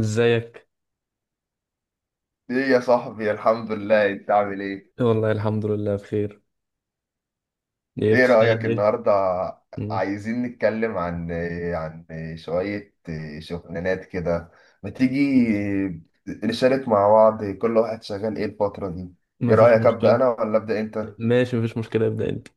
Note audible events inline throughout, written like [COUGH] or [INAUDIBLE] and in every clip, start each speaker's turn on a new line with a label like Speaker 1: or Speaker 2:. Speaker 1: ازيك؟
Speaker 2: ايه يا صاحبي؟ الحمد لله. انت عامل ايه؟
Speaker 1: والله الحمد لله بخير. ايه
Speaker 2: ايه رأيك
Speaker 1: بتشتغل ايه؟
Speaker 2: النهارده؟
Speaker 1: مم.
Speaker 2: عايزين نتكلم عن عن شوية شغلانات كده. ما تيجي نشارك مع بعض؟ كل واحد شغال ايه الفترة دي؟ ايه
Speaker 1: مفيش
Speaker 2: رأيك، أبدأ
Speaker 1: مشكله.
Speaker 2: انا ولا أبدأ انت؟
Speaker 1: ماشي، مفيش مشكله، ابدا انت.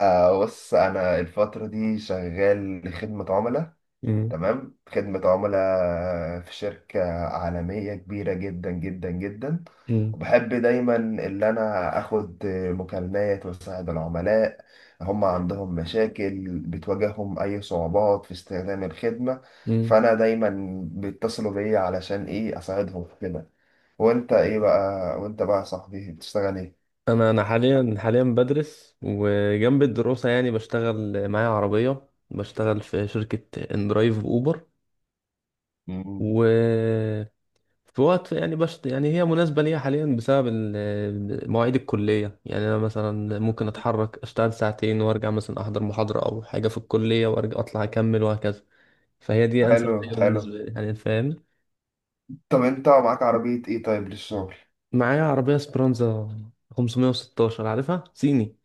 Speaker 2: آه، بص، انا الفترة دي شغال خدمة عملاء.
Speaker 1: مم.
Speaker 2: تمام، خدمة عملاء في شركة عالمية كبيرة جدا جدا جدا.
Speaker 1: مم.
Speaker 2: وبحب دايما اللي أنا أخد مكالمات وأساعد العملاء. هم عندهم مشاكل، بتواجههم أي صعوبات في استخدام الخدمة.
Speaker 1: مم.
Speaker 2: فأنا دايما بيتصلوا بيا علشان إيه، أساعدهم في كده. وأنت إيه بقى؟ وأنت بقى يا صاحبي بتشتغل إيه؟
Speaker 1: انا حاليا بدرس، وجنب الدراسه يعني بشتغل معايا عربيه، بشتغل في شركه اندرايف اوبر.
Speaker 2: مم.
Speaker 1: و في وقت، يعني بشت يعني هي مناسبه ليا حاليا بسبب مواعيد الكليه. يعني انا مثلا ممكن اتحرك اشتغل ساعتين وارجع، مثلا احضر محاضره او حاجه في الكليه، وارجع اطلع اكمل وهكذا. فهي دي انسب
Speaker 2: حلو
Speaker 1: حاجه
Speaker 2: حلو.
Speaker 1: بالنسبه لي، يعني فاهم؟
Speaker 2: طب أنت معاك عربية إيه طيب للشغل؟
Speaker 1: معايا عربيه سبرانزا 516، عارفها صيني.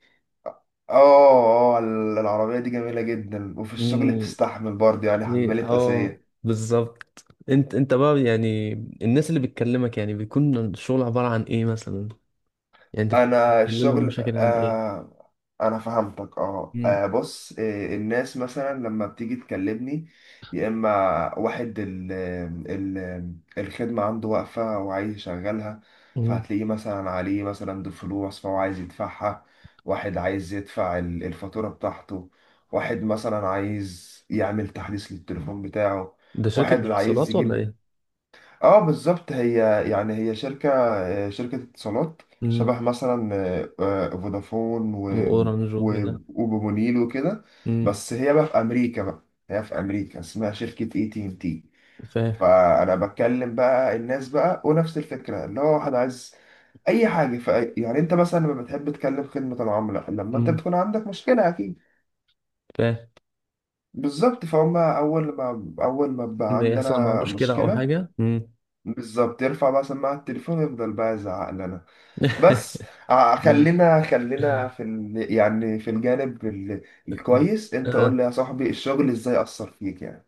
Speaker 2: اه اه. العربية دي جميلة جدا، وفي الشغل
Speaker 1: مم،
Speaker 2: بتستحمل برضه، يعني
Speaker 1: إيه،
Speaker 2: حمالة
Speaker 1: اه
Speaker 2: اساس.
Speaker 1: بالظبط. انت بقى يعني، الناس اللي بتكلمك، يعني بيكون الشغل عباره عن ايه مثلا؟ يعني انت
Speaker 2: انا
Speaker 1: بتحل لهم
Speaker 2: الشغل
Speaker 1: مشاكل عن ايه؟
Speaker 2: انا فهمتك.
Speaker 1: مم،
Speaker 2: بص، الناس مثلا لما بتيجي تكلمني، يا اما واحد ال الخدمه عنده واقفه وعايز يشغلها،
Speaker 1: مم.
Speaker 2: فهتلاقيه مثلا عليه مثلا دي فلوس فهو عايز يدفعها. واحد عايز يدفع الفاتوره بتاعته. واحد مثلا عايز يعمل تحديث للتليفون بتاعه.
Speaker 1: ده شركه
Speaker 2: واحد عايز
Speaker 1: اتصالات ولا
Speaker 2: يجيب.
Speaker 1: ايه؟
Speaker 2: اه بالظبط، هي يعني هي شركة، شركة اتصالات،
Speaker 1: مم،
Speaker 2: شبه مثلا فودافون و
Speaker 1: واورنج وكده.
Speaker 2: وبمونيل وكده،
Speaker 1: مم،
Speaker 2: بس هي بقى في أمريكا بقى. هي في أمريكا، اسمها شركة اي تي ان تي.
Speaker 1: فاهم.
Speaker 2: فأنا بتكلم بقى الناس بقى، ونفس الفكرة اللي هو واحد عايز أي حاجة يعني أنت مثلا لما بتحب تكلم خدمة العملاء لما أنت
Speaker 1: مم،
Speaker 2: بتكون عندك مشكلة أكيد.
Speaker 1: فاهم.
Speaker 2: بالظبط، فهم أول ما، بقى
Speaker 1: إن يحصل معاه
Speaker 2: عندنا
Speaker 1: مشكله او
Speaker 2: مشكلة،
Speaker 1: حاجه. مم.
Speaker 2: بالظبط، يرفع بقى سماعة التليفون، يفضل بقى يزعق لنا. بس
Speaker 1: [LAUGHS] مم.
Speaker 2: خلينا، في يعني في الجانب الكويس. انت قول
Speaker 1: آه.
Speaker 2: لي يا صاحبي الشغل ازاي أثر فيك يعني.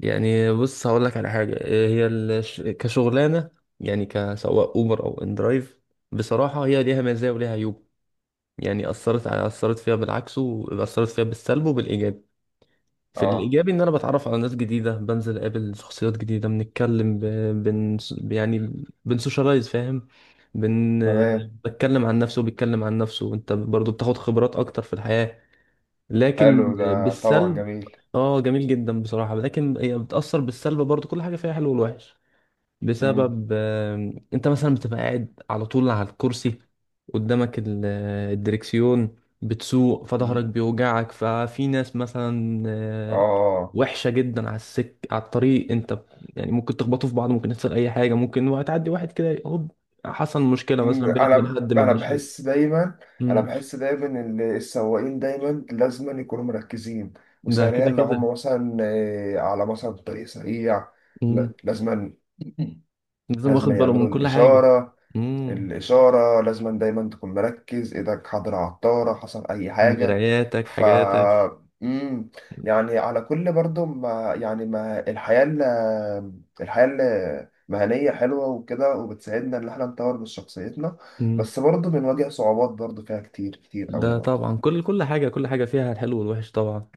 Speaker 1: يعني بص، هقول لك على حاجة، كشغلانة، يعني كسواق أوبر أو إندرايف. بصراحة هي ليها مزايا وليها عيوب. يعني أثرت فيها بالعكس، وأثرت فيها بالسلب وبالإيجاب. في
Speaker 2: اه.
Speaker 1: الإيجابي إن أنا بتعرف على ناس جديدة، بنزل أقابل شخصيات جديدة، بنتكلم بن... يعني بنسوشيالايز، فاهم؟ بن...
Speaker 2: تمام.
Speaker 1: بتكلم عن نفسه وبيتكلم عن نفسه، وأنت برضو بتاخد خبرات أكتر في الحياة. لكن
Speaker 2: حلو ده طبعا
Speaker 1: بالسلب.
Speaker 2: جميل.
Speaker 1: اه جميل جدا بصراحة، لكن هي بتأثر بالسلب برضو، كل حاجة فيها حلو والوحش.
Speaker 2: مم.
Speaker 1: بسبب انت مثلا بتبقى قاعد على طول على الكرسي، قدامك الدركسيون، بتسوق
Speaker 2: مم.
Speaker 1: فظهرك بيوجعك. ففي ناس مثلا
Speaker 2: اه.
Speaker 1: وحشة جدا على السك على الطريق. انت يعني ممكن تخبطوا في بعض، ممكن يحصل اي حاجة، ممكن وهتعدي واحد كده هوب، حصل مشكلة مثلا
Speaker 2: مم.
Speaker 1: بينك وبين
Speaker 2: انا
Speaker 1: حد من
Speaker 2: انا
Speaker 1: الناشئين.
Speaker 2: بحس دايما، انا
Speaker 1: مم.
Speaker 2: بحس دايما ان السواقين دايما لازم يكونوا مركزين
Speaker 1: ده
Speaker 2: وسريع.
Speaker 1: كده
Speaker 2: لو
Speaker 1: كده.
Speaker 2: هم مثلا على مثلا طريق سريع،
Speaker 1: مم.
Speaker 2: لا، لازم،
Speaker 1: لازم
Speaker 2: لازم
Speaker 1: واخد باله من
Speaker 2: يعملوا
Speaker 1: كل حاجة.
Speaker 2: الإشارة.
Speaker 1: مم.
Speaker 2: الإشارة لازم. دايما تكون مركز، إيدك حاضرة على الطارة، حصل أي حاجة.
Speaker 1: مراياتك
Speaker 2: ف
Speaker 1: حاجاتك.
Speaker 2: مم. يعني على كل برضو، ما يعني، ما الحياة الحياة المهنية حلوة وكده، وبتساعدنا إن إحنا نطور من شخصيتنا.
Speaker 1: مم.
Speaker 2: بس برضو بنواجه صعوبات برضو فيها كتير كتير أوي
Speaker 1: ده
Speaker 2: برضو.
Speaker 1: طبعا، كل حاجة فيها الحلو والوحش طبعا.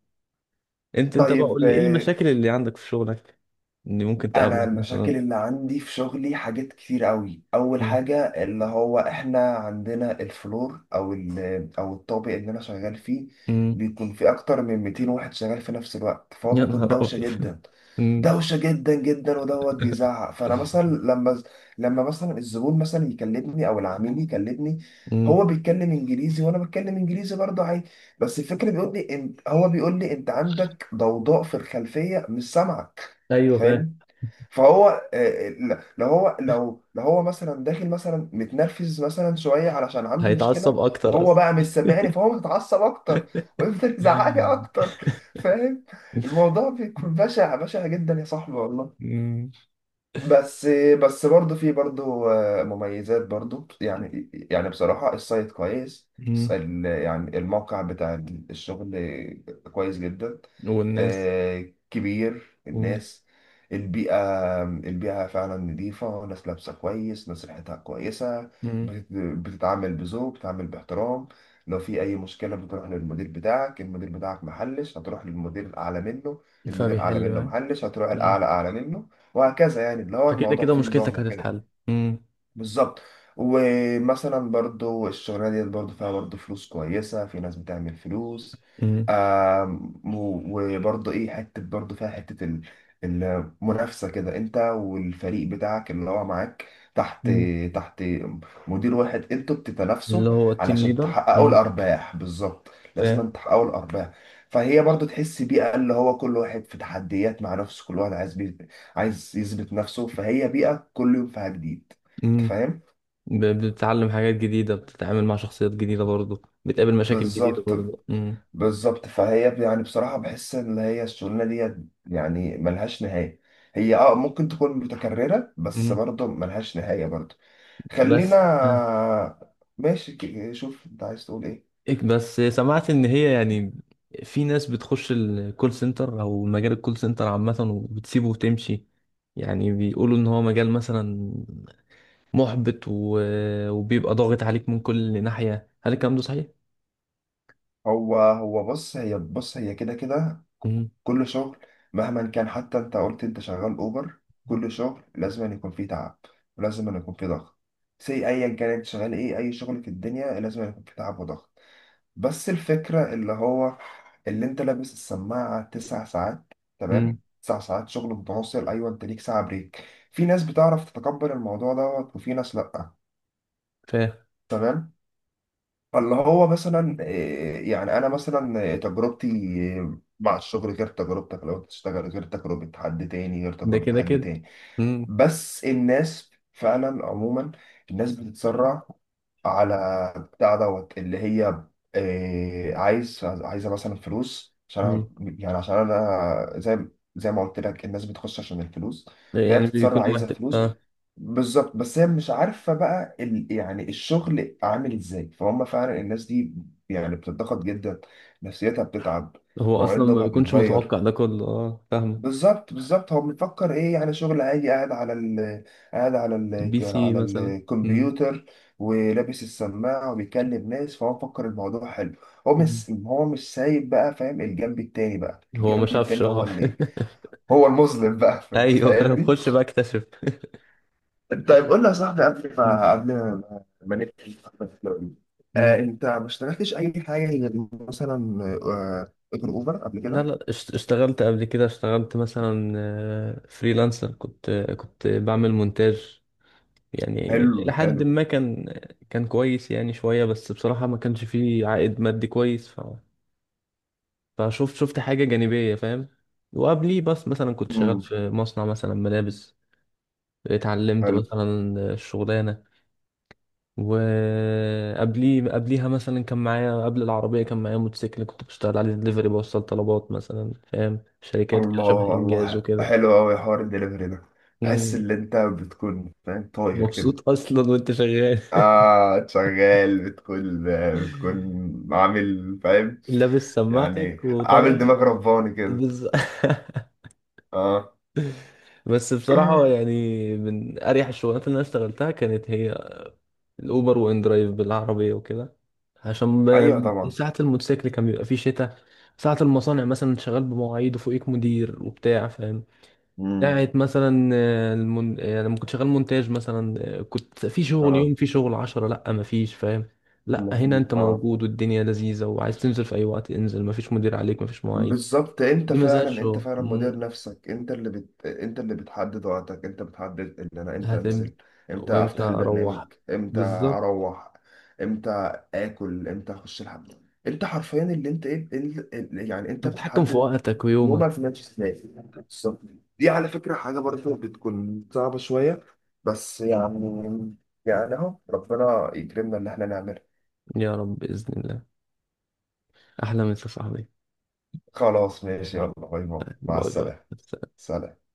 Speaker 1: انت بقى
Speaker 2: طيب
Speaker 1: قول لي، ايه المشاكل اللي عندك في شغلك اللي ممكن
Speaker 2: انا
Speaker 1: تقابلك مثلا؟
Speaker 2: المشاكل اللي عندي في شغلي حاجات كتير قوي. اول
Speaker 1: مم.
Speaker 2: حاجه، اللي هو احنا عندنا الفلور، او او الطابق اللي انا شغال فيه،
Speaker 1: مم.
Speaker 2: بيكون في اكتر من 200 واحد شغال في نفس الوقت، فهو
Speaker 1: يا
Speaker 2: بيكون
Speaker 1: نهار
Speaker 2: دوشه
Speaker 1: ابيض.
Speaker 2: جدا.
Speaker 1: [LAUGHS] مم.
Speaker 2: دوشه جدا جدا، ودوت بيزعق. فانا مثلا لما، مثلا الزبون مثلا يكلمني او العميل يكلمني،
Speaker 1: مم.
Speaker 2: هو بيتكلم انجليزي وانا بتكلم انجليزي برضه عادي، بس الفكره بيقول لي، هو بيقول لي انت عندك ضوضاء في الخلفيه، مش سامعك.
Speaker 1: ايوه فاهم.
Speaker 2: فاهم؟ فهو لو هو، لو هو مثلا داخل مثلا متنرفز مثلا شويه علشان عنده مشكله،
Speaker 1: هيتعصب اكتر
Speaker 2: وهو
Speaker 1: اصلا.
Speaker 2: بقى مش سامعني، فهو متعصب اكتر [LAUGHS] ويفضل يزعلي اكتر. فاهم؟ الموضوع بيكون بشع بشع جدا يا صاحبي والله.
Speaker 1: مم.
Speaker 2: بس، برضه في برضه مميزات برضه. يعني بصراحة السايت كويس.
Speaker 1: مم.
Speaker 2: يعني الموقع بتاع الشغل كويس جدا.
Speaker 1: والناس.
Speaker 2: آه، كبير.
Speaker 1: مم.
Speaker 2: الناس، البيئة، فعلا نظيفة. ناس لابسة كويس، ناس ريحتها كويسة.
Speaker 1: مم.
Speaker 2: بتتعامل بذوق، بتتعامل باحترام. لو في أي مشكلة بتروح للمدير بتاعك، المدير بتاعك محلش، هتروح للمدير الأعلى منه، المدير الأعلى
Speaker 1: فبيحل
Speaker 2: منه
Speaker 1: معاك.
Speaker 2: محلش، هتروح
Speaker 1: مم.
Speaker 2: الأعلى أعلى منه، وهكذا. يعني اللي هو
Speaker 1: فكده
Speaker 2: الموضوع
Speaker 1: كده
Speaker 2: فيه نظام
Speaker 1: مشكلتك
Speaker 2: وكده.
Speaker 1: هتتحل. مم.
Speaker 2: بالظبط. ومثلا برضو الشغلانة ديت برضو فيها برضو فلوس كويسة، في ناس بتعمل فلوس.
Speaker 1: مم.
Speaker 2: وبرضو ايه، حتة برضو فيها حتة المنافسة كده، انت والفريق بتاعك اللي هو معاك تحت
Speaker 1: مم.
Speaker 2: تحت مدير واحد، انتوا بتتنافسوا
Speaker 1: اللي هو التيم
Speaker 2: علشان
Speaker 1: ليدر.
Speaker 2: تحققوا
Speaker 1: مم.
Speaker 2: الأرباح. بالظبط، لازم تحققوا الأرباح. فهي برضو تحس بيئة، اللي هو كل واحد في تحديات مع نفسه، كل واحد عايز يثبت نفسه، فهي بيئة كل يوم فيها جديد. انت
Speaker 1: فاهم.
Speaker 2: فاهم؟
Speaker 1: بتتعلم حاجات جديدة، بتتعامل مع شخصيات جديدة برضو، بتقابل مشاكل جديدة
Speaker 2: بالظبط.
Speaker 1: برضو. مم.
Speaker 2: بالظبط. فهي يعني بصراحة بحس ان هي الشغلانة دي يعني ملهاش نهاية. هي ممكن تكون متكررة، بس
Speaker 1: مم.
Speaker 2: برضه ملهاش نهاية برضه. خلينا،
Speaker 1: بس آه.
Speaker 2: ماشي. شوف انت عايز تقول ايه.
Speaker 1: بس سمعت إن هي، يعني في ناس بتخش الكول سنتر أو مجال الكول سنتر عامة وبتسيبه وتمشي. يعني بيقولوا إن هو مجال مثلا محبط وبيبقى ضاغط عليك من كل ناحية. هل الكلام ده صحيح؟
Speaker 2: هو، بص، هي كده كده.
Speaker 1: مم.
Speaker 2: كل شغل مهما كان، حتى انت قلت انت شغال اوبر، كل شغل لازم أن يكون فيه تعب، ولازم أن يكون فيه ضغط. سي، ايا كان انت شغال ايه، اي شغل في الدنيا لازم أن يكون فيه تعب وضغط. بس الفكرة اللي هو، اللي انت لابس السماعة تسع ساعات،
Speaker 1: مم.
Speaker 2: تمام؟ تسع ساعات شغل متواصل، ايوه انت ليك ساعة بريك. في ناس بتعرف تتقبل الموضوع دوت، وفي ناس لأ.
Speaker 1: فاهم.
Speaker 2: تمام. فاللي هو مثلا يعني انا مثلا تجربتي مع الشغل غير تجربتك لو انت تشتغل، غير
Speaker 1: ده
Speaker 2: تجربة
Speaker 1: كده
Speaker 2: حد
Speaker 1: كده.
Speaker 2: تاني.
Speaker 1: مم.
Speaker 2: بس الناس فعلا عموما، الناس بتتسرع على بتاع دوت اللي هي عايزه مثلا فلوس عشان
Speaker 1: مم.
Speaker 2: يعني عشان انا زي ما قلت لك، الناس بتخش عشان الفلوس، فهي
Speaker 1: يعني
Speaker 2: بتتصرف
Speaker 1: بيكونوا
Speaker 2: عايزه
Speaker 1: محتاج،
Speaker 2: فلوس.
Speaker 1: اه.
Speaker 2: بالظبط، بس هي مش عارفه بقى يعني الشغل عامل ازاي. فهم فعلا الناس دي يعني بتتضغط جدا، نفسيتها بتتعب،
Speaker 1: هو
Speaker 2: مواعيد
Speaker 1: اصلا ما
Speaker 2: نومها
Speaker 1: بيكونش
Speaker 2: بيتغير.
Speaker 1: متوقع ده كله، اه فاهمك.
Speaker 2: بالظبط. بالظبط. هو بيفكر ايه يعني، شغل عادي قاعد على قاعد
Speaker 1: بي سي
Speaker 2: على
Speaker 1: مثلا. مم.
Speaker 2: الكمبيوتر ولابس السماعة وبيكلم ناس، فهو مفكر الموضوع حلو. هو
Speaker 1: مم.
Speaker 2: مش، سايب بقى. فاهم؟ الجنب التاني بقى،
Speaker 1: هو ما
Speaker 2: الجنب
Speaker 1: شافش،
Speaker 2: التاني هو
Speaker 1: اه. [LAUGHS]
Speaker 2: اللي هو المظلم بقى. [LAUGHS] انت
Speaker 1: ايوه فاهم،
Speaker 2: فاهمني؟
Speaker 1: خش بقى اكتشف.
Speaker 2: طيب قول لي يا صاحبي قبل
Speaker 1: مم.
Speaker 2: ما، نقفل الحلقة دي،
Speaker 1: مم.
Speaker 2: انت ما اشتغلتش اي حاجة غير مثلا، غير اوبر، قبل
Speaker 1: لا
Speaker 2: كده؟
Speaker 1: لا، اشتغلت قبل كده. اشتغلت مثلا فريلانسر، كنت بعمل مونتاج، يعني
Speaker 2: حلو
Speaker 1: لحد
Speaker 2: حلو.
Speaker 1: ما كان كويس يعني شوية. بس بصراحة ما كانش فيه عائد مادي كويس فشفت حاجة جانبية، فاهم؟ وقبليه بس مثلا كنت شغال
Speaker 2: امم.
Speaker 1: في مصنع مثلا ملابس، اتعلمت مثلا الشغلانة. وقبليه قبليها مثلا كان معايا قبل العربية، كان معايا موتوسيكل كنت بشتغل عليه دليفري، بوصل طلبات مثلا، فاهم، شركات كده شبه
Speaker 2: الله
Speaker 1: إنجاز
Speaker 2: الله،
Speaker 1: وكده.
Speaker 2: حلو قوي حوار الدليفري ده. بحس
Speaker 1: مم.
Speaker 2: ان انت بتكون فاهم طاير كده.
Speaker 1: مبسوط أصلا وأنت شغال.
Speaker 2: اه شغال، بتكون، بتكون
Speaker 1: [LAUGHS]
Speaker 2: عامل، فاهم،
Speaker 1: لابس
Speaker 2: يعني
Speaker 1: سماعتك
Speaker 2: عامل
Speaker 1: وطالع.
Speaker 2: دماغ رباني كده.
Speaker 1: بز... [LAUGHS]
Speaker 2: اه.
Speaker 1: بس بصراحة، يعني من أريح الشغلات اللي أنا اشتغلتها كانت هي الأوبر وإن درايف بالعربية وكده. عشان
Speaker 2: ايوه طبعا.
Speaker 1: ساعة الموتوسيكل كان بيبقى فيه شتاء، ساعة المصانع مثلا شغال بمواعيد وفوقيك مدير وبتاع، فاهم؟
Speaker 2: امم.
Speaker 1: بتاعت مثلا آه، المون... آه، لما كنت شغال مونتاج مثلا، كنت في شغل
Speaker 2: اه.
Speaker 1: يوم، في شغل 10، لأ مفيش، فاهم؟ لأ هنا
Speaker 2: المفروض.
Speaker 1: أنت
Speaker 2: اه.
Speaker 1: موجود والدنيا لذيذة، وعايز تنزل في أي وقت انزل، مفيش مدير عليك، مفيش مواعيد.
Speaker 2: بالظبط.
Speaker 1: دي مزاج
Speaker 2: انت
Speaker 1: شغل.
Speaker 2: فعلا مدير
Speaker 1: مم.
Speaker 2: نفسك، انت اللي بتحدد وقتك، انت بتحدد ان انا امتى
Speaker 1: هتمتى
Speaker 2: انزل، امتى
Speaker 1: وإمتى
Speaker 2: افتح البرنامج،
Speaker 1: أروح.
Speaker 2: امتى
Speaker 1: بالظبط.
Speaker 2: اروح، امتى اكل، امتى اخش الحمام. انت حرفيا اللي انت ايه، يعني انت
Speaker 1: أنت بتتحكم في
Speaker 2: بتتحدد،
Speaker 1: وقتك ويومك.
Speaker 2: يومك ماشي ازاي. بالظبط. دي على فكرة حاجة برضه بتكون صعبة شوية، بس يعني، يعني اهو ربنا يكرمنا اللي احنا نعمله.
Speaker 1: يا رب بإذن الله. أحلى مسا يا صاحبي.
Speaker 2: خلاص ماشي، يلا، باي باي، مع
Speaker 1: باي باي.
Speaker 2: السلامة. سلام.